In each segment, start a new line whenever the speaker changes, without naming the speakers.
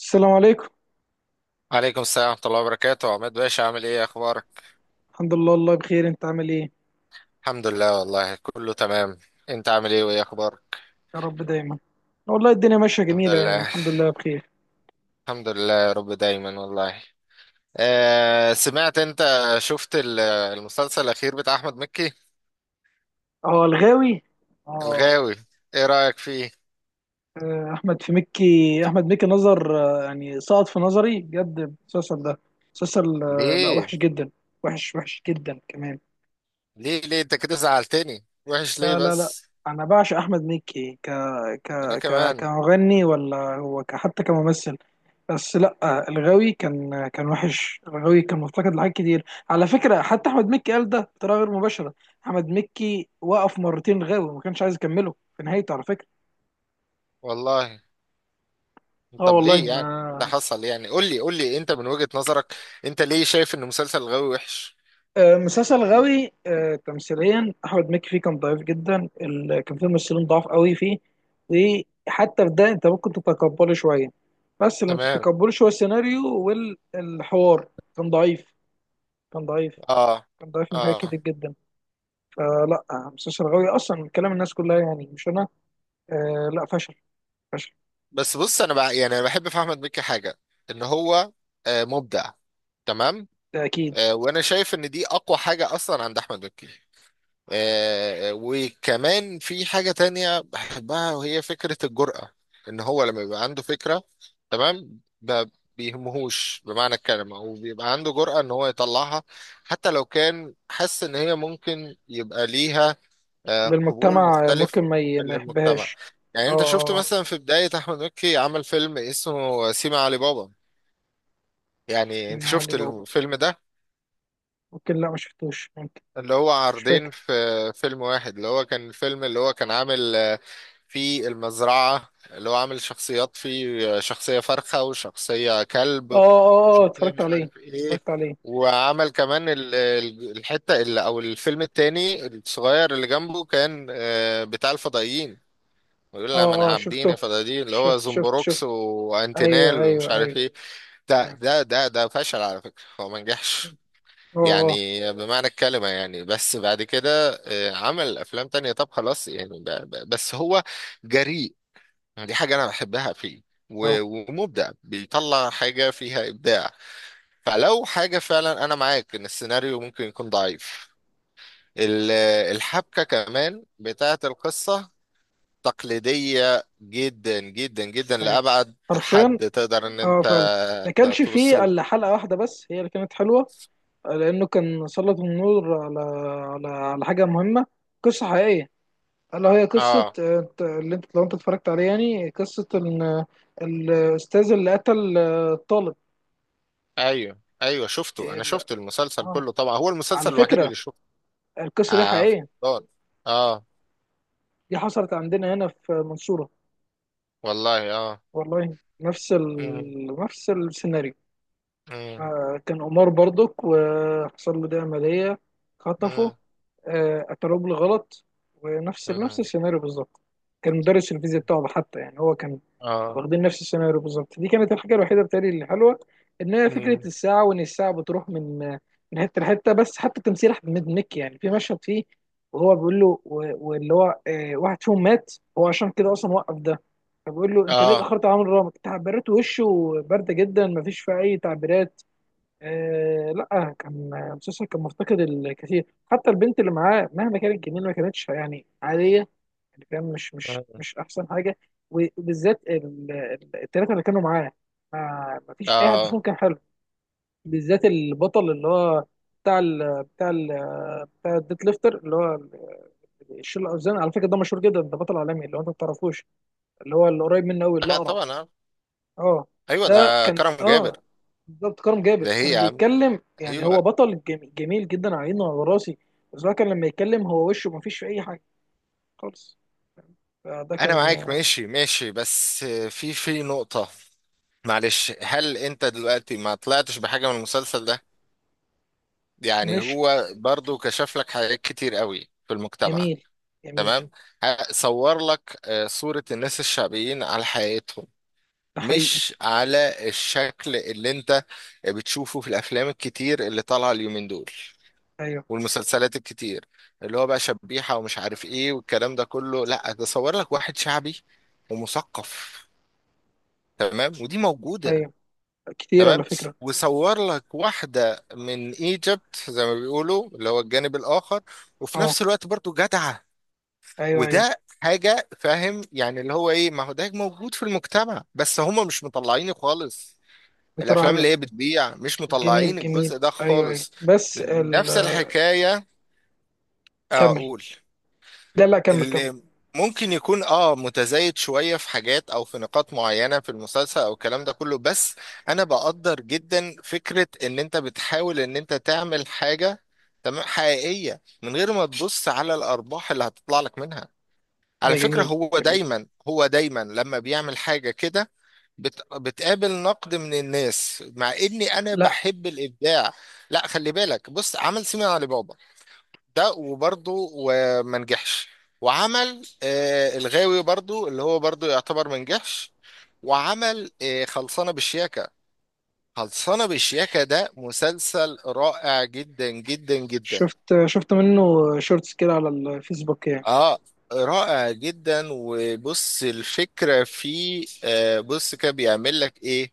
السلام عليكم.
عليكم السلام ورحمة الله وبركاته، عماد باشا، عامل ايه؟ اخبارك؟
الحمد لله، والله بخير. انت عامل ايه؟
الحمد لله، والله كله تمام. انت عامل ايه وايه اخبارك؟
يا رب دايما. والله الدنيا ماشيه
الحمد
جميله، يعني
لله.
الحمد لله بخير.
الحمد لله، يا رب دايما والله. سمعت، انت شفت المسلسل الاخير بتاع احمد مكي؟
اه، الغاوي. اه.
الغاوي، ايه رأيك فيه؟
احمد مكي نظر آه، يعني سقط في نظري بجد المسلسل ده. مسلسل، لا،
ليه
وحش جدا. وحش وحش جدا كمان.
ليه انت كده زعلتني؟ وحش ليه
لا لا لا،
بس؟
انا بعشق احمد مكي ك ك
انا
ك
كمان.
كمغني، ولا هو حتى كممثل. بس لا، الغاوي كان وحش. الغاوي كان مفتقد لحاجات كتير. على فكره، حتى احمد مكي قال ده بطريقه غير مباشره. احمد مكي وقف مرتين غاوي وما كانش عايز يكمله في نهايته، على فكره.
والله.
اه،
طب
والله
ليه يعني؟
ما.
إيه اللي حصل يعني؟ قول لي، قول لي انت من وجهة نظرك، انت ليه شايف ان مسلسل الغاوي وحش؟
مسلسل غاوي. تمثيليا احمد مكي فيه كان ضعيف جدا. كان فيه ممثلين ضعاف قوي فيه. وحتى في ده انت ممكن تتقبله شويه، بس اللي ما
تمام.
تتقبلوش هو السيناريو والحوار. كان ضعيف. كان ضعيف.
اه.
كان ضعيف من حاجات
اه.
كتير جدا. آه لا آه، مسلسل شرغاوي اصلا من كلام الناس كلها، يعني مش انا. آه لا فشل. فشل.
بس بص، انا بقى يعني انا بحب في احمد مكي حاجه، ان هو مبدع. تمام.
ده اكيد.
وانا شايف ان دي اقوى حاجه اصلا عند احمد مكي. وكمان في حاجه تانية بحبها، وهي فكره الجرأه. ان هو لما بيبقى عنده فكره، تمام، ما بيهمهوش بمعنى الكلمه، وبيبقى عنده جرأه ان هو يطلعها، حتى لو كان حس ان هي ممكن يبقى ليها قبول
للمجتمع
مختلف
ممكن ما
للمجتمع.
يحبهاش.
يعني
اه،
انت شفت
اه،
مثلا في بداية احمد مكي عمل فيلم اسمه سيما علي بابا؟ يعني
في
انت
معالي
شفت
بابا.
الفيلم ده؟
ممكن لا، ما شفتوش، ممكن.
اللي هو
مش
عرضين
فاكر.
في فيلم واحد، اللي هو كان الفيلم اللي هو كان عامل، فيه المزرعة اللي هو عامل شخصيات فيه، شخصية فرخة وشخصية كلب
اه، اه، اه،
وشخصية
اتفرجت
مش
عليه.
عارف ايه.
اتفرجت عليه.
وعمل كمان الحتة، اللي او الفيلم التاني الصغير اللي جنبه، كان بتاع الفضائيين، ويقول
اه،
لها ما انا
اه،
عابدين
شفته.
فدادين اللي هو
شفت شفت
زومبروكس
شفت. ايوه
وانتينال ومش
ايوه
عارف
ايوه.
ايه. ده
ايوه.
ده ده ده فشل على فكرة، هو ما نجحش
اه،
يعني بمعنى الكلمة يعني. بس بعد كده عمل أفلام تانية. طب خلاص يعني، بس هو جريء. دي حاجة أنا بحبها فيه.
اه، اه،
ومبدع، بيطلع حاجة فيها إبداع. فلو حاجة فعلا أنا معاك إن السيناريو ممكن يكون ضعيف. ال- الحبكة كمان بتاعة القصة تقليدية جدا جدا جدا
أيوة.
لأبعد
حرفيا.
حد تقدر إن
اه،
أنت
فعلا. ما كانش فيه
توصله.
الا حلقة واحدة بس هي اللي كانت حلوة. لأنه كان سلط النور على على حاجة مهمة. قصة حقيقية. ألا هي قصة،
اه،
اللي أنت، لو أنت اتفرجت عليها، يعني قصة إن الأستاذ اللي قتل الطالب.
ايوه، ايوه، شفته.
إيه،
انا
لا.
شفت المسلسل
آه.
كله طبعا، هو المسلسل
على
الوحيد
فكرة،
اللي شفته.
القصة دي
اه.
حقيقية.
فضل. اه،
دي حصلت عندنا هنا في منصورة.
والله، اه.
والله،
مم.
نفس السيناريو.
مم.
كان قمار برضك، وحصل له ده عملية خطفه.
مم.
اعترف بالغلط. ونفس نفس
مم.
السيناريو بالظبط. كان مدرس الفيزياء بتاعه حتى، يعني هو كان
اه.
واخدين نفس السيناريو بالظبط. دي كانت الحاجة الوحيدة بتاعي اللي حلوة، ان هي فكرة
مم.
الساعة، وان الساعة بتروح من حتة لحتة. بس حتى تمثيل احمد مكي، يعني في مشهد فيه وهو بيقول له، واللي هو، واحد فيهم مات، هو عشان كده اصلا وقف ده. فبيقول له انت ليه
اه.
اتاخرت على عمرو، رامك تعبيرات وشه بارده جدا، مفيش فيها اي تعبيرات. آه لا كان مسلسل كان مفتقد الكثير. حتى البنت اللي معاه، مهما كانت جميلة، ما كانتش يعني عادية. يعني فاهم، مش مش
مم.
مش أحسن حاجة. وبالذات التلاتة اللي كانوا معاه، ما فيش أي حد فيهم
اه،
كان حلو. بالذات البطل، اللي هو بتاع ال بتاع ال بتاع الديت ليفتر، اللي هو الشيل الأوزان. على فكرة، ده مشهور جدا، ده بطل عالمي، اللي هو أنت ما تعرفوش. اللي هو اللي قريب منه أوي،
لا
الأقرع.
طبعا آه.
أه.
ايوه،
ده
ده
كان،
كرم
اه،
جابر.
بالظبط كرم جابر
ده هي
كان
يا عم.
بيتكلم. يعني هو
ايوه.
بطل جميل، جميل جدا، على عيني وعلى راسي. بس هو كان لما يتكلم، هو وشه ما فيش فيه اي حاجه خالص. فده
انا
كان
معاك، ماشي ماشي، بس في نقطة. معلش، هل انت دلوقتي ما طلعتش بحاجة من المسلسل ده؟ يعني
مش
هو برضو كشف لك حاجات كتير قوي في المجتمع.
جميل. جميل.
تمام. صور لك صورة الناس الشعبيين على حياتهم،
ده حقيقي.
مش على الشكل اللي انت بتشوفه في الافلام الكتير اللي طالعة اليومين دول،
ايوه.
والمسلسلات الكتير اللي هو بقى شبيحة ومش عارف ايه والكلام ده كله. لا، ده صور لك واحد شعبي ومثقف. تمام، ودي موجودة.
ايوه، كتير على
تمام،
فكره.
وصور لك واحدة من ايجيبت زي ما بيقولوا، اللي هو الجانب الآخر، وفي
اه.
نفس الوقت برضو جدعة.
ايوه، ايوه.
وده حاجة فاهم يعني، اللي هو ايه، ما هو ده موجود في المجتمع، بس هما مش مطلعينه خالص.
بتراها
الأفلام
له.
اللي هي بتبيع مش
جميل،
مطلعين
جميل.
الجزء ده
ايوه، ايوه،
خالص.
بس
نفس الحكاية
كمل.
أقول،
لا لا، كمل، كمل.
اللي ممكن يكون اه متزايد شوية في حاجات او في نقاط معينة في المسلسل او الكلام ده كله، بس انا بقدر جدا فكرة ان انت بتحاول ان انت تعمل حاجة تمام حقيقية، من غير ما تبص على الارباح اللي هتطلع لك منها.
ده
على فكرة
جميل.
هو
جميل.
دايما هو دايما لما بيعمل حاجة كده بتقابل نقد من الناس، مع اني انا
لا.
بحب الابداع. لا خلي بالك، بص عمل سيمي علي بابا، ده وبرضه وما نجحش. وعمل الغاوي برضه، اللي هو برضه يعتبر ما نجحش. وعمل خلصانة بالشياكة. خلصانة بالشياكة ده مسلسل رائع جدا جدا جدا.
شفت منه شورتس كده على الفيسبوك، يعني.
اه، رائع جدا. وبص الفكرة فيه، بص كده بيعمل لك ايه؟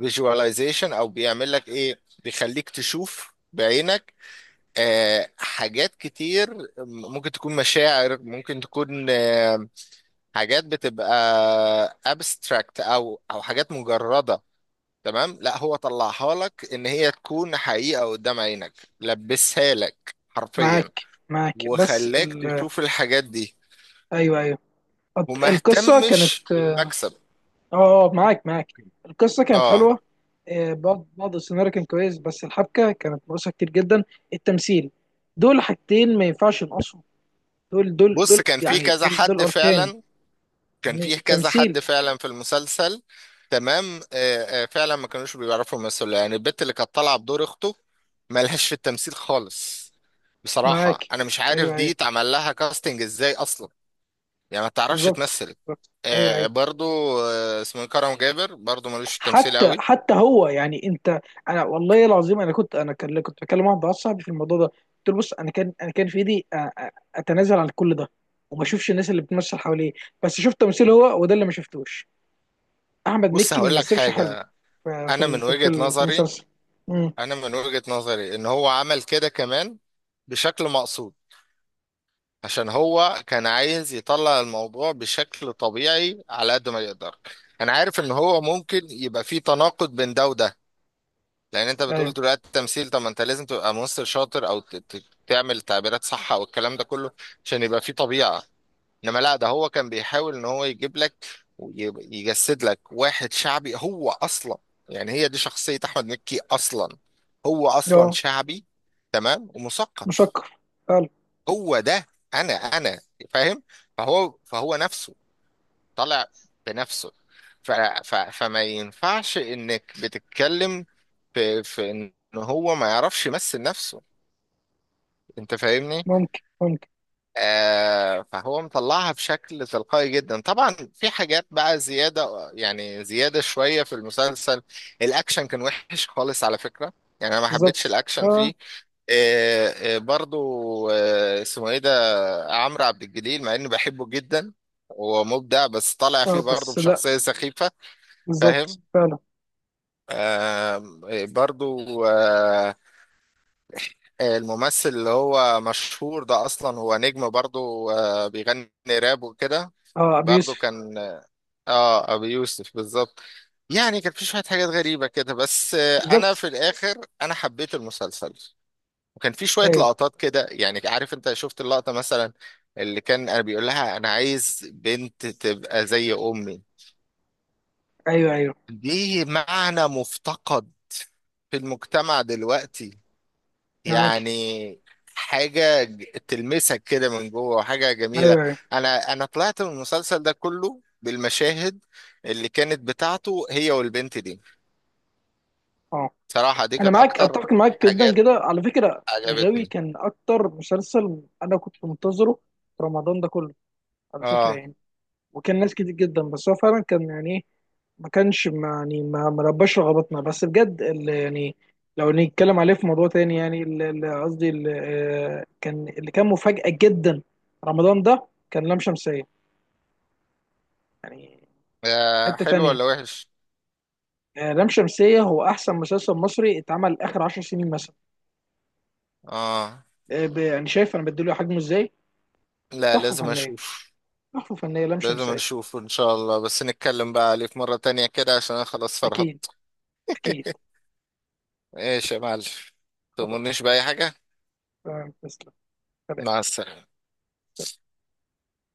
فيجواليزيشن، او بيعمل لك ايه، بيخليك تشوف بعينك حاجات كتير، ممكن تكون مشاعر، ممكن تكون حاجات بتبقى abstract، او حاجات مجرده. تمام، لا هو طلعها لك ان هي تكون حقيقه قدام عينك، لبسها لك حرفيا،
معاك. معاك، بس
وخلاك تشوف الحاجات دي،
ايوه، ايوه.
وما
القصه كانت،
اهتمش بالمكسب.
اه، معاك، معاك، القصه كانت
اه.
حلوه. بعض بعض السيناريو كان كويس، بس الحبكه كانت ناقصه كتير جدا. التمثيل، دول حاجتين ما ينفعش ينقصوا. دول دول
بص
دول
كان في
يعني
كذا
دول
حد
اركان،
فعلا، كان
يعني
فيه كذا حد
التمثيل.
فعلا في المسلسل. تمام. فعلا ما كانوش بيعرفوا يمثلوا. يعني البت اللي كانت طالعه بدور اخته مالهاش في التمثيل خالص. بصراحه
معاك.
انا مش عارف
ايوه،
دي
ايوه.
اتعمل لها كاستنج ازاي اصلا، يعني ما تعرفش
بالظبط.
تمثل.
بالظبط، ايوه، ايوه.
برضو آه، اسمه إيه، كرم جابر برضو ملوش في التمثيل
حتى
قوي.
حتى هو، يعني انت، انا والله العظيم انا كنت، انا كان كنت بكلم واحد صاحبي في الموضوع ده، قلت له بص، انا كان في ايدي أ- اتنازل عن كل ده، وما اشوفش الناس اللي بتمثل حواليه. بس شفت تمثيل هو، وده اللي ما شفتوش. احمد
بص
مكي ما
هقول لك
مثلش حلو
حاجه، انا من وجهه
في
نظري
المسلسل. امم.
انا من وجهه نظري ان هو عمل كده كمان بشكل مقصود، عشان هو كان عايز يطلع الموضوع بشكل طبيعي على قد ما يقدر. انا عارف ان هو ممكن يبقى فيه تناقض بين ده وده، لان انت بتقول
ايوه.
دلوقتي التمثيل، طب ما انت لازم تبقى ممثل شاطر او تعمل تعبيرات صح او الكلام ده كله، عشان يبقى فيه طبيعة. انما لا، ده هو كان بيحاول ان هو يجيب لك ويجسد لك واحد شعبي هو اصلا. يعني هي دي شخصية احمد مكي اصلا، هو اصلا
اه،
شعبي، تمام، ومثقف.
مشكر، فعلا.
هو ده. انا فاهم. فهو نفسه، طالع بنفسه. ف ف فما ينفعش انك بتتكلم في ان هو ما يعرفش يمثل نفسه، انت فاهمني؟
ممكن.
فهو مطلعها بشكل تلقائي جدا. طبعا في حاجات بقى زيادة، يعني زيادة شوية في المسلسل. الاكشن كان وحش خالص على فكرة، يعني انا ما حبيتش
بالظبط.
الاكشن
اه،
فيه. آه، برضو آه، اسمه ايه ده عمرو عبد الجليل، مع اني بحبه جدا ومبدع، بس طالع فيه
اه.
برضه
بس لا.
بشخصية سخيفة.
بالظبط،
فاهم؟
فعلا.
آم، برضه آه، الممثل اللي هو مشهور ده اصلا هو نجم برضه، بيغني راب وكده.
اه، ابو
برضه
يوسف.
كان اه ابي يوسف بالظبط. يعني كان في شوية حاجات غريبة كده، بس انا
بالظبط،
في الاخر انا حبيت المسلسل. وكان في شوية
ايوه،
لقطات كده يعني، عارف انت شفت اللقطة مثلا اللي كان انا بيقول لها انا عايز بنت تبقى زي امي؟
ايوه، ايوه.
دي معنى مفتقد في المجتمع دلوقتي،
معاك.
يعني حاجة تلمسك كده من جوه، وحاجة جميلة.
ايوه، ايوه.
أنا طلعت من المسلسل ده كله بالمشاهد اللي كانت بتاعته هي والبنت دي.
اه،
صراحة دي
انا
كانت
معاك،
أكتر
اتفق معاك جدا
حاجات
كده على فكره. غاوي
عجبتني.
كان اكتر مسلسل انا كنت منتظره في رمضان ده كله، على فكره،
آه.
يعني. وكان ناس كتير جدا، بس هو فعلا كان يعني ايه، ما كانش، يعني ما لباش رغبتنا. بس بجد، اللي يعني، لو نتكلم عليه في موضوع تاني، يعني قصدي كان اللي كان مفاجأة جدا رمضان ده، كان لام شمسية. يعني حتة
حلو
تانية.
ولا وحش؟
لام شمسية هو أحسن مسلسل مصري اتعمل آخر 10 سنين مثلا.
آه،
يعني شايف أنا بديله حجمه إزاي.
لا،
تحفة
لازم
فنية.
اشوف.
تحفة فنية لام
لازم
شمسية.
اشوف ان شاء الله. بس نتكلم بقى عليه في مرة تانية كده، عشان انا خلاص
أكيد.
فرهضت.
أكيد.
ايش يا معلم؟
خلاص.
تؤمرنيش بأي حاجة.
تمام، تسلم. سلام.
مع السلامة.